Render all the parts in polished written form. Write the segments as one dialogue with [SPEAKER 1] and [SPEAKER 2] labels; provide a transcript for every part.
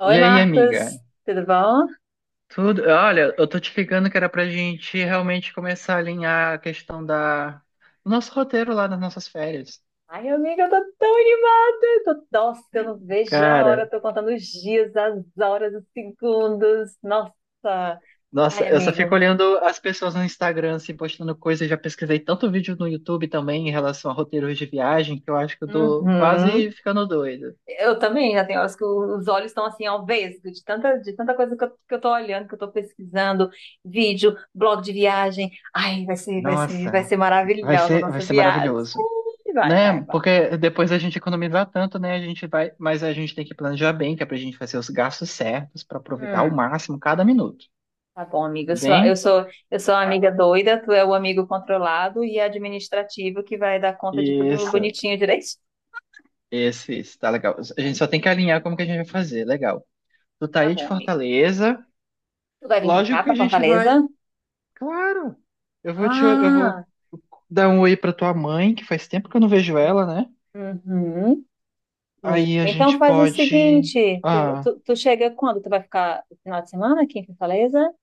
[SPEAKER 1] Oi,
[SPEAKER 2] E aí, amiga?
[SPEAKER 1] Marcos, tudo bom?
[SPEAKER 2] Tudo? Olha, eu tô te ligando que era pra gente realmente começar a alinhar a questão da do nosso roteiro lá nas nossas férias.
[SPEAKER 1] Ai, amiga, eu tô tão animada! Eu não vejo a hora, eu
[SPEAKER 2] Cara,
[SPEAKER 1] tô contando os dias, as horas, os segundos. Nossa!
[SPEAKER 2] nossa,
[SPEAKER 1] Ai,
[SPEAKER 2] eu só fico
[SPEAKER 1] amigo.
[SPEAKER 2] olhando as pessoas no Instagram assim, postando coisas. Já pesquisei tanto vídeo no YouTube também em relação a roteiros de viagem que eu acho que eu tô quase
[SPEAKER 1] Uhum.
[SPEAKER 2] ficando doido.
[SPEAKER 1] Eu também, já tem horas que os olhos estão assim ao vesgo, de tanta coisa que eu tô olhando, que eu tô pesquisando, vídeo, blog de viagem. Ai, vai ser, vai ser, vai
[SPEAKER 2] Nossa,
[SPEAKER 1] ser
[SPEAKER 2] vai
[SPEAKER 1] maravilhosa a
[SPEAKER 2] ser, vai
[SPEAKER 1] nossa
[SPEAKER 2] ser
[SPEAKER 1] viagem.
[SPEAKER 2] maravilhoso.
[SPEAKER 1] Vai,
[SPEAKER 2] Né?
[SPEAKER 1] vai, vai.
[SPEAKER 2] Porque depois a gente economizar tanto, né? A gente vai, mas a gente tem que planejar bem, que é pra gente fazer os gastos certos pra aproveitar ao
[SPEAKER 1] Hum.
[SPEAKER 2] máximo cada minuto.
[SPEAKER 1] Tá bom, amiga. Eu sou,
[SPEAKER 2] Bem,
[SPEAKER 1] eu sou, eu sou a amiga doida, tu é o amigo controlado e administrativo que vai dar conta de tudo
[SPEAKER 2] isso,
[SPEAKER 1] bonitinho direito.
[SPEAKER 2] isso, tá legal. A gente só tem que alinhar como que a gente vai fazer, legal. Tu tá
[SPEAKER 1] Tá
[SPEAKER 2] aí de
[SPEAKER 1] bom, amigo.
[SPEAKER 2] Fortaleza,
[SPEAKER 1] Tu vai vir pra cá,
[SPEAKER 2] lógico que a
[SPEAKER 1] pra
[SPEAKER 2] gente vai,
[SPEAKER 1] Fortaleza?
[SPEAKER 2] claro. Eu vou
[SPEAKER 1] Ah,
[SPEAKER 2] dar um oi pra tua mãe, que faz tempo que eu não vejo ela, né?
[SPEAKER 1] uhum,
[SPEAKER 2] Aí
[SPEAKER 1] amigo.
[SPEAKER 2] a
[SPEAKER 1] Então
[SPEAKER 2] gente
[SPEAKER 1] faz o
[SPEAKER 2] pode,
[SPEAKER 1] seguinte, tu,
[SPEAKER 2] ah,
[SPEAKER 1] tu, tu chega quando? Tu vai ficar o final de semana aqui em Fortaleza?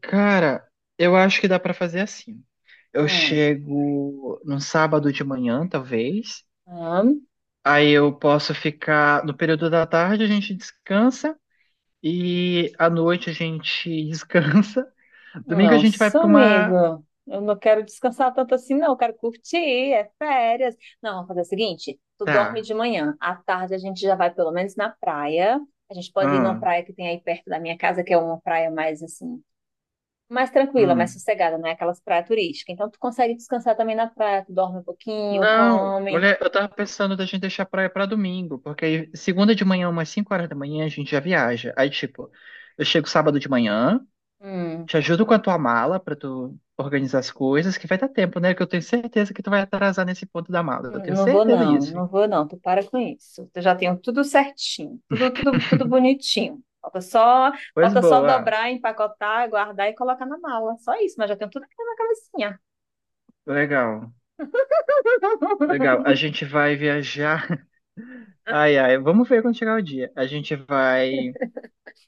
[SPEAKER 2] cara, eu acho que dá pra fazer assim. Eu
[SPEAKER 1] Hum,
[SPEAKER 2] chego no sábado de manhã, talvez.
[SPEAKER 1] hum.
[SPEAKER 2] Aí eu posso ficar no período da tarde, a gente descansa. E à noite a gente descansa. Domingo a gente vai
[SPEAKER 1] Nossa,
[SPEAKER 2] pra
[SPEAKER 1] amigo,
[SPEAKER 2] uma.
[SPEAKER 1] eu não quero descansar tanto assim, não. Eu quero curtir, é férias. Não, vamos fazer o seguinte: tu dorme
[SPEAKER 2] Tá.
[SPEAKER 1] de manhã, à tarde a gente já vai pelo menos na praia. A gente pode ir numa
[SPEAKER 2] Hum,
[SPEAKER 1] praia que tem aí perto da minha casa, que é uma praia mais assim, mais tranquila, mais
[SPEAKER 2] hum.
[SPEAKER 1] sossegada, não é aquelas praias turísticas. Então tu consegue descansar também na praia, tu dorme um pouquinho,
[SPEAKER 2] Não,
[SPEAKER 1] come.
[SPEAKER 2] mulher, eu tava pensando da gente deixar a praia pra domingo, porque aí segunda de manhã, umas 5h da manhã, a gente já viaja. Aí, tipo, eu chego sábado de manhã,
[SPEAKER 1] Hum.
[SPEAKER 2] te ajudo com a tua mala pra tu organizar as coisas, que vai dar tempo, né? Que eu tenho certeza que tu vai atrasar nesse ponto da mala. Eu tenho
[SPEAKER 1] Não vou
[SPEAKER 2] certeza
[SPEAKER 1] não,
[SPEAKER 2] disso.
[SPEAKER 1] não vou não, tu para com isso. Eu já tenho tudo certinho, tudo, tudo, tudo bonitinho. Falta só,
[SPEAKER 2] Pois
[SPEAKER 1] falta só
[SPEAKER 2] boa,
[SPEAKER 1] dobrar, empacotar, guardar e colocar na mala. Só isso, mas já tenho tudo aqui na cabecinha.
[SPEAKER 2] legal, legal. A gente vai viajar. Ai, ai, vamos ver quando chegar o dia. A gente vai.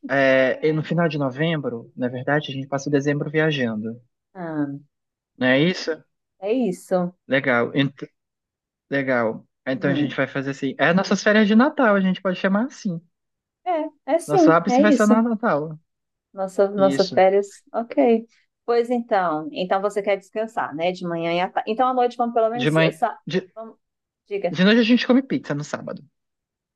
[SPEAKER 2] É, e no final de novembro, na verdade, a gente passa o dezembro viajando.
[SPEAKER 1] Ah,
[SPEAKER 2] Não é isso?
[SPEAKER 1] é isso.
[SPEAKER 2] Legal. Legal. Então a gente
[SPEAKER 1] Uhum.
[SPEAKER 2] vai fazer assim. É nossas férias de Natal, a gente pode chamar assim.
[SPEAKER 1] É, é
[SPEAKER 2] Nosso
[SPEAKER 1] sim, é
[SPEAKER 2] ápice vai ser
[SPEAKER 1] isso.
[SPEAKER 2] no Natal.
[SPEAKER 1] Nossa, nossa
[SPEAKER 2] Isso.
[SPEAKER 1] férias, ok. Pois então, então você quer descansar, né? De manhã e à tarde. Então à noite vamos pelo
[SPEAKER 2] De
[SPEAKER 1] menos.
[SPEAKER 2] manhã.
[SPEAKER 1] Essa...
[SPEAKER 2] De,
[SPEAKER 1] Vamos... Diga.
[SPEAKER 2] de noite a gente come pizza no sábado.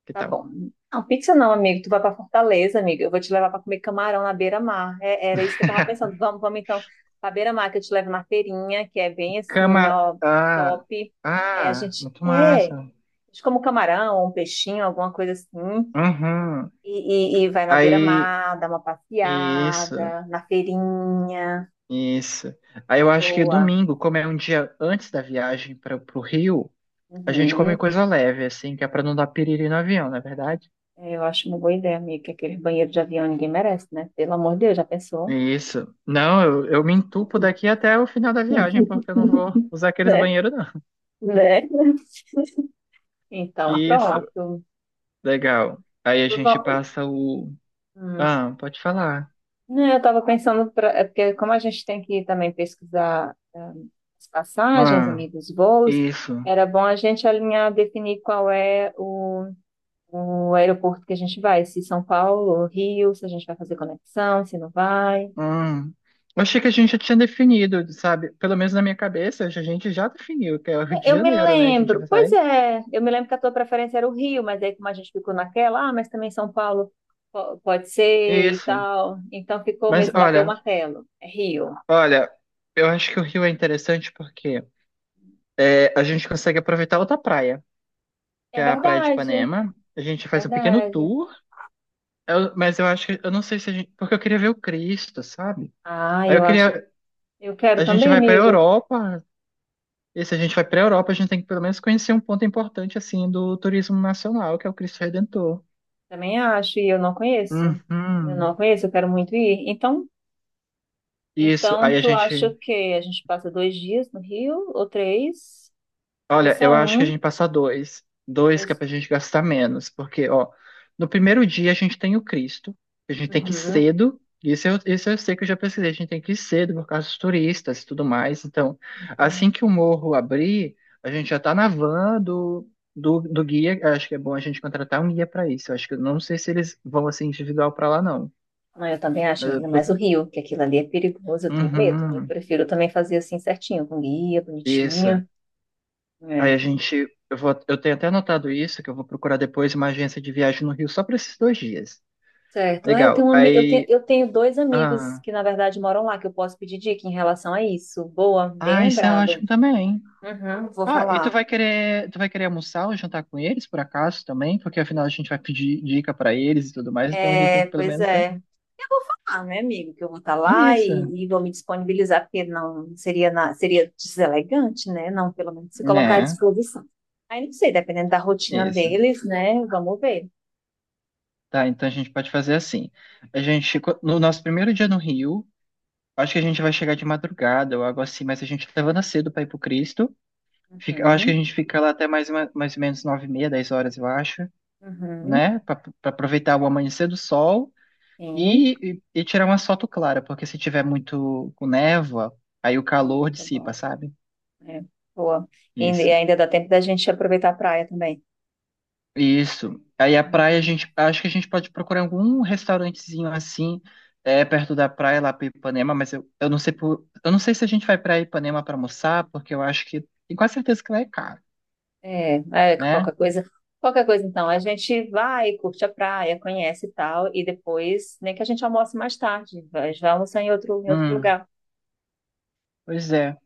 [SPEAKER 2] Que
[SPEAKER 1] Tá
[SPEAKER 2] tal?
[SPEAKER 1] bom. Não, pizza não, amigo. Tu vai pra Fortaleza, amiga. Eu vou te levar pra comer camarão na beira-mar. Era isso que eu tava pensando. Vamos, vamos então pra beira-mar, que eu te levo na feirinha, que é bem assim,
[SPEAKER 2] Cama.
[SPEAKER 1] ó,
[SPEAKER 2] Ah,
[SPEAKER 1] top. Aí a
[SPEAKER 2] ah,
[SPEAKER 1] gente,
[SPEAKER 2] muito
[SPEAKER 1] é, a
[SPEAKER 2] massa.
[SPEAKER 1] gente come um camarão, um peixinho, alguma coisa assim.
[SPEAKER 2] Uhum.
[SPEAKER 1] E, e vai na
[SPEAKER 2] Aí,
[SPEAKER 1] beira-mar, dá uma
[SPEAKER 2] isso.
[SPEAKER 1] passeada, na feirinha.
[SPEAKER 2] Isso. Aí eu acho que
[SPEAKER 1] Boa.
[SPEAKER 2] domingo, como é um dia antes da viagem para o Rio, a gente come
[SPEAKER 1] Uhum.
[SPEAKER 2] coisa leve, assim, que é para não dar piriri no avião, não é verdade?
[SPEAKER 1] É, eu acho uma boa ideia, amiga, que aquele banheiro de avião ninguém merece, né? Pelo amor de Deus, já pensou?
[SPEAKER 2] Isso. Não, eu me entupo daqui até o final da viagem, porque eu não vou usar aqueles
[SPEAKER 1] Né?
[SPEAKER 2] banheiros, não.
[SPEAKER 1] Né? Então,
[SPEAKER 2] Isso.
[SPEAKER 1] pronto.
[SPEAKER 2] Legal. Aí a gente
[SPEAKER 1] Vam-
[SPEAKER 2] passa o.
[SPEAKER 1] hum.
[SPEAKER 2] Ah, pode falar.
[SPEAKER 1] Não, eu estava pensando, pra, é porque como a gente tem que também pesquisar as passagens,
[SPEAKER 2] Ah,
[SPEAKER 1] amigos, voos,
[SPEAKER 2] isso.
[SPEAKER 1] era bom a gente alinhar, definir o aeroporto que a gente vai, se São Paulo ou Rio, se a gente vai fazer conexão, se não vai.
[SPEAKER 2] Hum. Eu achei que a gente já tinha definido, sabe? Pelo menos na minha cabeça, a gente já definiu, que é o Rio
[SPEAKER 1] É,
[SPEAKER 2] de
[SPEAKER 1] eu me
[SPEAKER 2] Janeiro, né? A gente
[SPEAKER 1] lembro,
[SPEAKER 2] vai
[SPEAKER 1] pois
[SPEAKER 2] sair.
[SPEAKER 1] é, eu me lembro que a tua preferência era o Rio, mas aí como a gente ficou naquela, ah, mas também São Paulo pode ser e
[SPEAKER 2] Isso.
[SPEAKER 1] tal, então ficou
[SPEAKER 2] Mas
[SPEAKER 1] mesmo, bateu o
[SPEAKER 2] olha,
[SPEAKER 1] martelo, é Rio.
[SPEAKER 2] Olha, eu acho que o Rio é interessante porque é, a gente consegue aproveitar outra praia, que
[SPEAKER 1] É
[SPEAKER 2] é a Praia de
[SPEAKER 1] verdade. É
[SPEAKER 2] Ipanema. A gente faz um pequeno
[SPEAKER 1] verdade.
[SPEAKER 2] tour, mas eu acho que, eu não sei se a gente, porque eu queria ver o Cristo, sabe?
[SPEAKER 1] Ah,
[SPEAKER 2] Aí eu
[SPEAKER 1] eu acho.
[SPEAKER 2] queria,
[SPEAKER 1] Eu quero
[SPEAKER 2] a gente
[SPEAKER 1] também,
[SPEAKER 2] vai pra
[SPEAKER 1] amigo.
[SPEAKER 2] Europa, e se a gente vai pra Europa, a gente tem que pelo menos conhecer um ponto importante, assim, do turismo nacional, que é o Cristo Redentor.
[SPEAKER 1] Também acho, e eu não conheço. Eu não
[SPEAKER 2] Uhum.
[SPEAKER 1] conheço, eu quero muito ir. Então,
[SPEAKER 2] Isso,
[SPEAKER 1] então
[SPEAKER 2] aí a
[SPEAKER 1] tu acha
[SPEAKER 2] gente,
[SPEAKER 1] que a gente passa dois dias no Rio ou três? Porque
[SPEAKER 2] olha,
[SPEAKER 1] só
[SPEAKER 2] eu acho que a
[SPEAKER 1] um,
[SPEAKER 2] gente passa dois. Dois que é
[SPEAKER 1] dois.
[SPEAKER 2] pra gente gastar menos. Porque, ó, no primeiro dia a gente tem o Cristo. A gente tem que ir
[SPEAKER 1] Uhum.
[SPEAKER 2] cedo. Isso eu sei que eu já pesquisei. A gente tem que ir cedo por causa dos turistas e tudo mais. Então,
[SPEAKER 1] Uhum.
[SPEAKER 2] assim que o morro abrir, a gente já tá na van do guia. Eu acho que é bom a gente contratar um guia pra isso. Eu acho que eu não sei se eles vão assim individual pra lá, não.
[SPEAKER 1] Não, eu também acho,
[SPEAKER 2] Eh,
[SPEAKER 1] amiga, mas o
[SPEAKER 2] por-
[SPEAKER 1] Rio, que aquilo ali é perigoso, eu tenho medo, né? Eu
[SPEAKER 2] Uhum,
[SPEAKER 1] prefiro também fazer assim certinho, com guia,
[SPEAKER 2] isso.
[SPEAKER 1] bonitinho.
[SPEAKER 2] Aí
[SPEAKER 1] É.
[SPEAKER 2] a gente, eu vou, eu tenho até anotado isso, que eu vou procurar depois uma agência de viagem no Rio só para esses 2 dias.
[SPEAKER 1] Certo. Ah,
[SPEAKER 2] Legal. Aí,
[SPEAKER 1] eu tenho dois amigos
[SPEAKER 2] ah,
[SPEAKER 1] que, na verdade, moram lá, que eu posso pedir dica em relação a isso. Boa, bem
[SPEAKER 2] ah, isso é
[SPEAKER 1] lembrado.
[SPEAKER 2] ótimo também.
[SPEAKER 1] Uhum, vou
[SPEAKER 2] Ah, e tu
[SPEAKER 1] falar.
[SPEAKER 2] vai querer, tu vai querer almoçar ou jantar com eles por acaso também? Porque afinal a gente vai pedir dica para eles e tudo mais, então a gente tem
[SPEAKER 1] É,
[SPEAKER 2] que pelo
[SPEAKER 1] pois
[SPEAKER 2] menos, né?
[SPEAKER 1] é. Ah, meu amigo, que eu vou estar lá
[SPEAKER 2] Isso,
[SPEAKER 1] e vou me disponibilizar, porque não seria, na- seria deselegante, né? Não, pelo menos se colocar à
[SPEAKER 2] né?
[SPEAKER 1] disposição. Aí não sei, dependendo da rotina
[SPEAKER 2] Isso.
[SPEAKER 1] deles, né? Vamos ver.
[SPEAKER 2] Tá, então a gente pode fazer assim. A gente, no nosso primeiro dia no Rio, acho que a gente vai chegar de madrugada ou algo assim, mas a gente levanta cedo para ir pro Cristo. Eu acho que a
[SPEAKER 1] Uhum,
[SPEAKER 2] gente fica lá até mais, mais ou menos 9h30, 10 horas, eu acho,
[SPEAKER 1] uhum,
[SPEAKER 2] né? Para aproveitar o amanhecer do sol
[SPEAKER 1] sim,
[SPEAKER 2] e tirar uma foto clara, porque se tiver muito com névoa, aí o
[SPEAKER 1] não
[SPEAKER 2] calor
[SPEAKER 1] fica
[SPEAKER 2] dissipa,
[SPEAKER 1] bom.
[SPEAKER 2] sabe?
[SPEAKER 1] É, boa. E
[SPEAKER 2] Isso.
[SPEAKER 1] ainda dá tempo da gente aproveitar a praia também.
[SPEAKER 2] Isso. Aí a praia, a
[SPEAKER 1] Uhum.
[SPEAKER 2] gente, acho que a gente pode procurar algum restaurantezinho assim, perto da praia, lá para Ipanema, mas eu não sei eu não sei se a gente vai para Ipanema para almoçar, porque eu acho que, tenho quase certeza que lá é caro,
[SPEAKER 1] É, é,
[SPEAKER 2] né?
[SPEAKER 1] qualquer coisa. Qualquer coisa, então, a gente vai, curte a praia, conhece e tal, e depois, nem que a gente almoce mais tarde, mas vai almoçar em outro
[SPEAKER 2] Hum,
[SPEAKER 1] lugar.
[SPEAKER 2] pois é.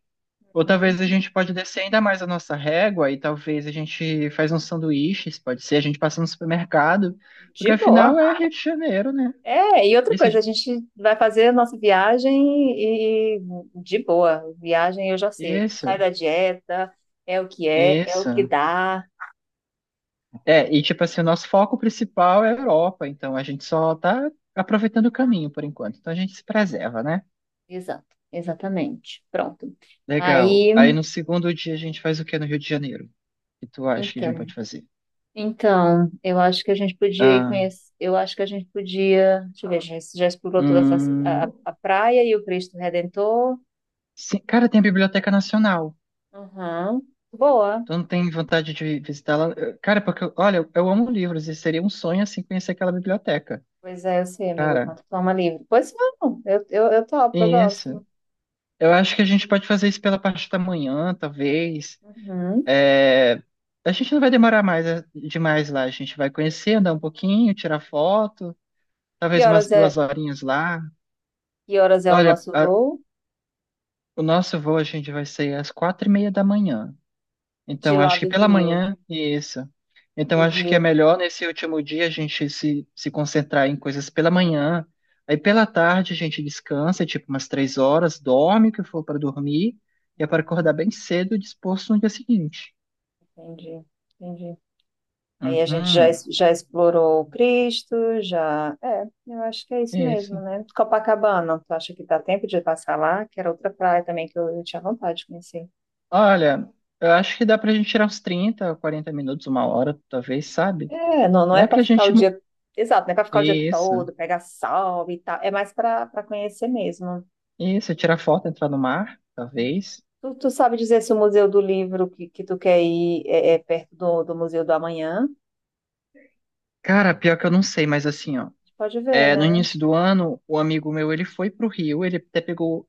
[SPEAKER 2] Ou
[SPEAKER 1] Hum,
[SPEAKER 2] talvez a gente pode descer ainda mais a nossa régua e talvez a gente faz uns sanduíches, pode ser, a gente passa no supermercado, porque
[SPEAKER 1] de boa.
[SPEAKER 2] afinal é Rio de Janeiro, né?
[SPEAKER 1] É, e outra
[SPEAKER 2] Isso,
[SPEAKER 1] coisa, a gente vai fazer a nossa viagem e de boa. Viagem eu já sei, a gente
[SPEAKER 2] isso,
[SPEAKER 1] sai da dieta, é o que é, é o que
[SPEAKER 2] isso.
[SPEAKER 1] dá.
[SPEAKER 2] É, e tipo assim, o nosso foco principal é a Europa, então a gente só tá aproveitando o caminho por enquanto. Então a gente se preserva, né?
[SPEAKER 1] Exato, exatamente. Pronto.
[SPEAKER 2] Legal.
[SPEAKER 1] Aí,
[SPEAKER 2] Aí no segundo dia a gente faz o que no Rio de Janeiro? O que tu acha que a gente pode
[SPEAKER 1] então.
[SPEAKER 2] fazer?
[SPEAKER 1] Então, eu acho que a gente podia ir
[SPEAKER 2] Ah,
[SPEAKER 1] conhecer. Eu acho que a gente podia. Deixa eu ver, a gente já explorou toda
[SPEAKER 2] hum,
[SPEAKER 1] a praia e o Cristo Redentor.
[SPEAKER 2] sim, cara, tem a Biblioteca Nacional.
[SPEAKER 1] Uhum. Boa.
[SPEAKER 2] Tu não tem vontade de visitá-la? Cara, porque, olha, eu amo livros e seria um sonho, assim, conhecer aquela biblioteca.
[SPEAKER 1] Pois é, eu sei, amigo,
[SPEAKER 2] Cara,
[SPEAKER 1] quanto toma livre. Pois vamos, eu topo, eu
[SPEAKER 2] isso.
[SPEAKER 1] gosto.
[SPEAKER 2] Eu acho que a gente pode fazer isso pela parte da manhã, talvez.
[SPEAKER 1] Uhum.
[SPEAKER 2] É, a gente não vai demorar mais demais lá. A gente vai conhecer, andar um pouquinho, tirar foto,
[SPEAKER 1] Que
[SPEAKER 2] talvez umas
[SPEAKER 1] horas
[SPEAKER 2] duas
[SPEAKER 1] é,
[SPEAKER 2] horinhas lá.
[SPEAKER 1] que horas é o
[SPEAKER 2] Olha,
[SPEAKER 1] nosso voo?
[SPEAKER 2] o nosso voo a gente vai sair às 4h30 da manhã.
[SPEAKER 1] De
[SPEAKER 2] Então,
[SPEAKER 1] lá
[SPEAKER 2] acho que
[SPEAKER 1] do
[SPEAKER 2] pela
[SPEAKER 1] Rio.
[SPEAKER 2] manhã e isso. Então,
[SPEAKER 1] Do
[SPEAKER 2] acho que é
[SPEAKER 1] Rio.
[SPEAKER 2] melhor nesse último dia a gente se concentrar em coisas pela manhã. Aí, pela tarde, a gente descansa, tipo umas 3 horas, dorme o que for para dormir, e é para acordar
[SPEAKER 1] Uhum.
[SPEAKER 2] bem cedo e disposto no dia seguinte.
[SPEAKER 1] Entendi, entendi. Aí a gente já,
[SPEAKER 2] Uhum,
[SPEAKER 1] já explorou Cristo, já. É, eu acho que é isso
[SPEAKER 2] é
[SPEAKER 1] mesmo,
[SPEAKER 2] isso.
[SPEAKER 1] né? Copacabana, tu acha que dá tempo de passar lá? Que era outra praia também que eu tinha vontade de conhecer.
[SPEAKER 2] Olha, eu acho que dá pra gente tirar uns 30, 40 minutos, uma hora, talvez, sabe?
[SPEAKER 1] É, não, não
[SPEAKER 2] Não
[SPEAKER 1] é
[SPEAKER 2] é
[SPEAKER 1] para
[SPEAKER 2] pra
[SPEAKER 1] ficar o
[SPEAKER 2] gente.
[SPEAKER 1] dia. Exato, não é para ficar o dia
[SPEAKER 2] Isso,
[SPEAKER 1] todo, pegar sol e tal. É mais para conhecer mesmo.
[SPEAKER 2] isso, tirar foto, entrar no mar, talvez.
[SPEAKER 1] Tu, tu sabe dizer se o Museu do Livro que tu quer ir é, é perto do, do Museu do Amanhã?
[SPEAKER 2] Cara, pior que eu não sei, mas assim, ó.
[SPEAKER 1] Pode ver,
[SPEAKER 2] É, no
[SPEAKER 1] né?
[SPEAKER 2] início do ano, o amigo meu, ele foi pro Rio, ele até pegou.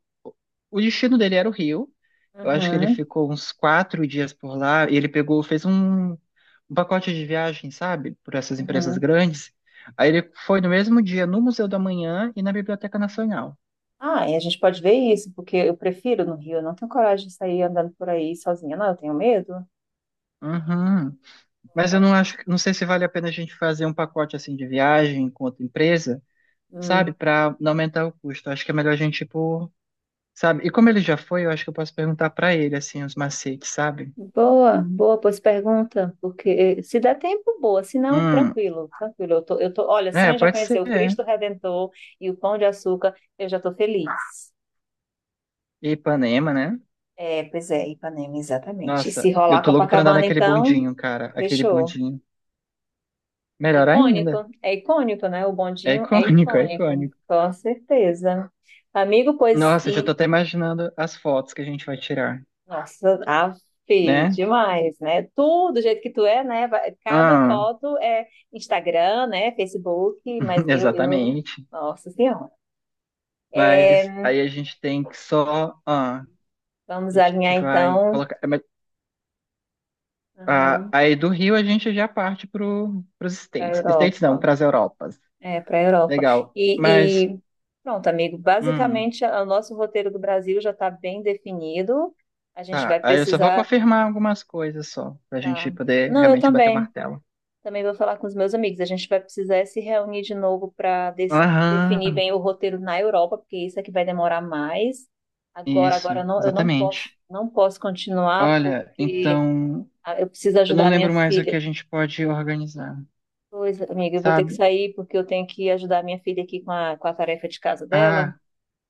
[SPEAKER 2] O destino dele era o Rio. Eu acho que ele
[SPEAKER 1] Uhum,
[SPEAKER 2] ficou uns 4 dias por lá e ele pegou, fez um pacote de viagem, sabe? Por essas empresas
[SPEAKER 1] uhum.
[SPEAKER 2] grandes. Aí ele foi no mesmo dia no Museu da Manhã e na Biblioteca Nacional.
[SPEAKER 1] Ah, e a gente pode ver isso, porque eu prefiro no Rio, eu não tenho coragem de sair andando por aí sozinha, não, eu tenho medo.
[SPEAKER 2] Uhum. Mas eu não acho, não sei se vale a pena a gente fazer um pacote assim de viagem com outra empresa,
[SPEAKER 1] Hum,
[SPEAKER 2] sabe? Para não aumentar o custo. Acho que é melhor a gente ir por. Sabe? E como ele já foi, eu acho que eu posso perguntar pra ele, assim, os macetes, sabe?
[SPEAKER 1] boa, boa, pois pergunta, porque se der tempo, boa, se não,
[SPEAKER 2] Hum,
[SPEAKER 1] tranquilo, tranquilo. Eu tô, olha, só
[SPEAKER 2] é,
[SPEAKER 1] em já
[SPEAKER 2] pode
[SPEAKER 1] conhecer
[SPEAKER 2] ser,
[SPEAKER 1] o
[SPEAKER 2] é.
[SPEAKER 1] Cristo Redentor e o Pão de Açúcar, eu já tô feliz.
[SPEAKER 2] E Ipanema, né?
[SPEAKER 1] É, pois é, Ipanema, exatamente. E
[SPEAKER 2] Nossa,
[SPEAKER 1] se
[SPEAKER 2] eu
[SPEAKER 1] rolar
[SPEAKER 2] tô louco pra andar
[SPEAKER 1] Copacabana,
[SPEAKER 2] naquele
[SPEAKER 1] então,
[SPEAKER 2] bondinho, cara. Aquele
[SPEAKER 1] fechou.
[SPEAKER 2] bondinho.
[SPEAKER 1] É
[SPEAKER 2] Melhor
[SPEAKER 1] icônico,
[SPEAKER 2] ainda.
[SPEAKER 1] é icônico, né? O
[SPEAKER 2] É
[SPEAKER 1] bondinho é
[SPEAKER 2] icônico, é
[SPEAKER 1] icônico,
[SPEAKER 2] icônico.
[SPEAKER 1] com certeza. Amigo, pois,
[SPEAKER 2] Nossa, já tô
[SPEAKER 1] e,
[SPEAKER 2] até imaginando as fotos que a gente vai tirar,
[SPEAKER 1] nossa, afe,
[SPEAKER 2] né?
[SPEAKER 1] demais, né? Tu, do jeito que tu é, né? Cada
[SPEAKER 2] Ah,
[SPEAKER 1] foto é Instagram, né? Facebook, mas eu...
[SPEAKER 2] exatamente.
[SPEAKER 1] Nossa Senhora.
[SPEAKER 2] Mas
[SPEAKER 1] É,
[SPEAKER 2] aí a gente tem que só. Ah, a
[SPEAKER 1] vamos
[SPEAKER 2] gente
[SPEAKER 1] alinhar,
[SPEAKER 2] vai
[SPEAKER 1] então,
[SPEAKER 2] colocar. É, mas, ah,
[SPEAKER 1] para
[SPEAKER 2] aí do Rio a gente já parte pros
[SPEAKER 1] a
[SPEAKER 2] States. States não,
[SPEAKER 1] Europa.
[SPEAKER 2] pras Europas.
[SPEAKER 1] É, para a Europa.
[SPEAKER 2] Legal. Mas,
[SPEAKER 1] E pronto, amigo,
[SPEAKER 2] hum,
[SPEAKER 1] basicamente, o nosso roteiro do Brasil já está bem definido. A gente
[SPEAKER 2] tá.
[SPEAKER 1] vai
[SPEAKER 2] Aí eu só vou
[SPEAKER 1] precisar...
[SPEAKER 2] confirmar algumas coisas só, pra gente
[SPEAKER 1] Tá.
[SPEAKER 2] poder
[SPEAKER 1] Não, eu
[SPEAKER 2] realmente bater o
[SPEAKER 1] também.
[SPEAKER 2] martelo.
[SPEAKER 1] Também vou falar com os meus amigos. A gente vai precisar se reunir de novo para definir
[SPEAKER 2] Aham,
[SPEAKER 1] bem o roteiro na Europa, porque isso é que vai demorar mais. Agora, agora
[SPEAKER 2] isso,
[SPEAKER 1] eu não posso,
[SPEAKER 2] exatamente.
[SPEAKER 1] não posso continuar
[SPEAKER 2] Olha,
[SPEAKER 1] porque
[SPEAKER 2] então,
[SPEAKER 1] ah, eu preciso
[SPEAKER 2] eu não
[SPEAKER 1] ajudar a minha
[SPEAKER 2] lembro mais o que
[SPEAKER 1] filha.
[SPEAKER 2] a gente pode organizar,
[SPEAKER 1] Pois, amiga, eu vou ter que
[SPEAKER 2] sabe?
[SPEAKER 1] sair porque eu tenho que ajudar a minha filha aqui com a tarefa de casa dela
[SPEAKER 2] Ah,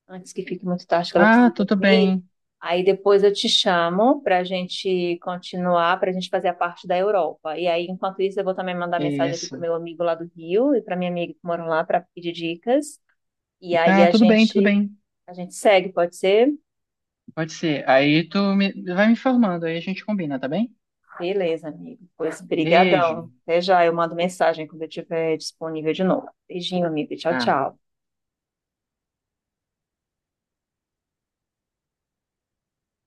[SPEAKER 1] antes que fique muito tarde, que ela
[SPEAKER 2] ah,
[SPEAKER 1] precisa
[SPEAKER 2] tudo
[SPEAKER 1] dormir.
[SPEAKER 2] bem.
[SPEAKER 1] Aí depois eu te chamo para a gente continuar, para a gente fazer a parte da Europa. E aí, enquanto isso, eu vou também mandar mensagem aqui para o
[SPEAKER 2] Isso.
[SPEAKER 1] meu amigo lá do Rio e para minha amiga que moram lá para pedir dicas. E aí
[SPEAKER 2] Tá, tudo bem, tudo bem.
[SPEAKER 1] a gente segue, pode ser?
[SPEAKER 2] Pode ser. Aí tu me, vai me informando, aí a gente combina, tá bem?
[SPEAKER 1] Beleza, amigo. Pois
[SPEAKER 2] Beijo.
[SPEAKER 1] brigadão. Até já, eu mando mensagem quando eu estiver disponível de novo. Beijinho, amigo. Tchau,
[SPEAKER 2] Tá.
[SPEAKER 1] tchau.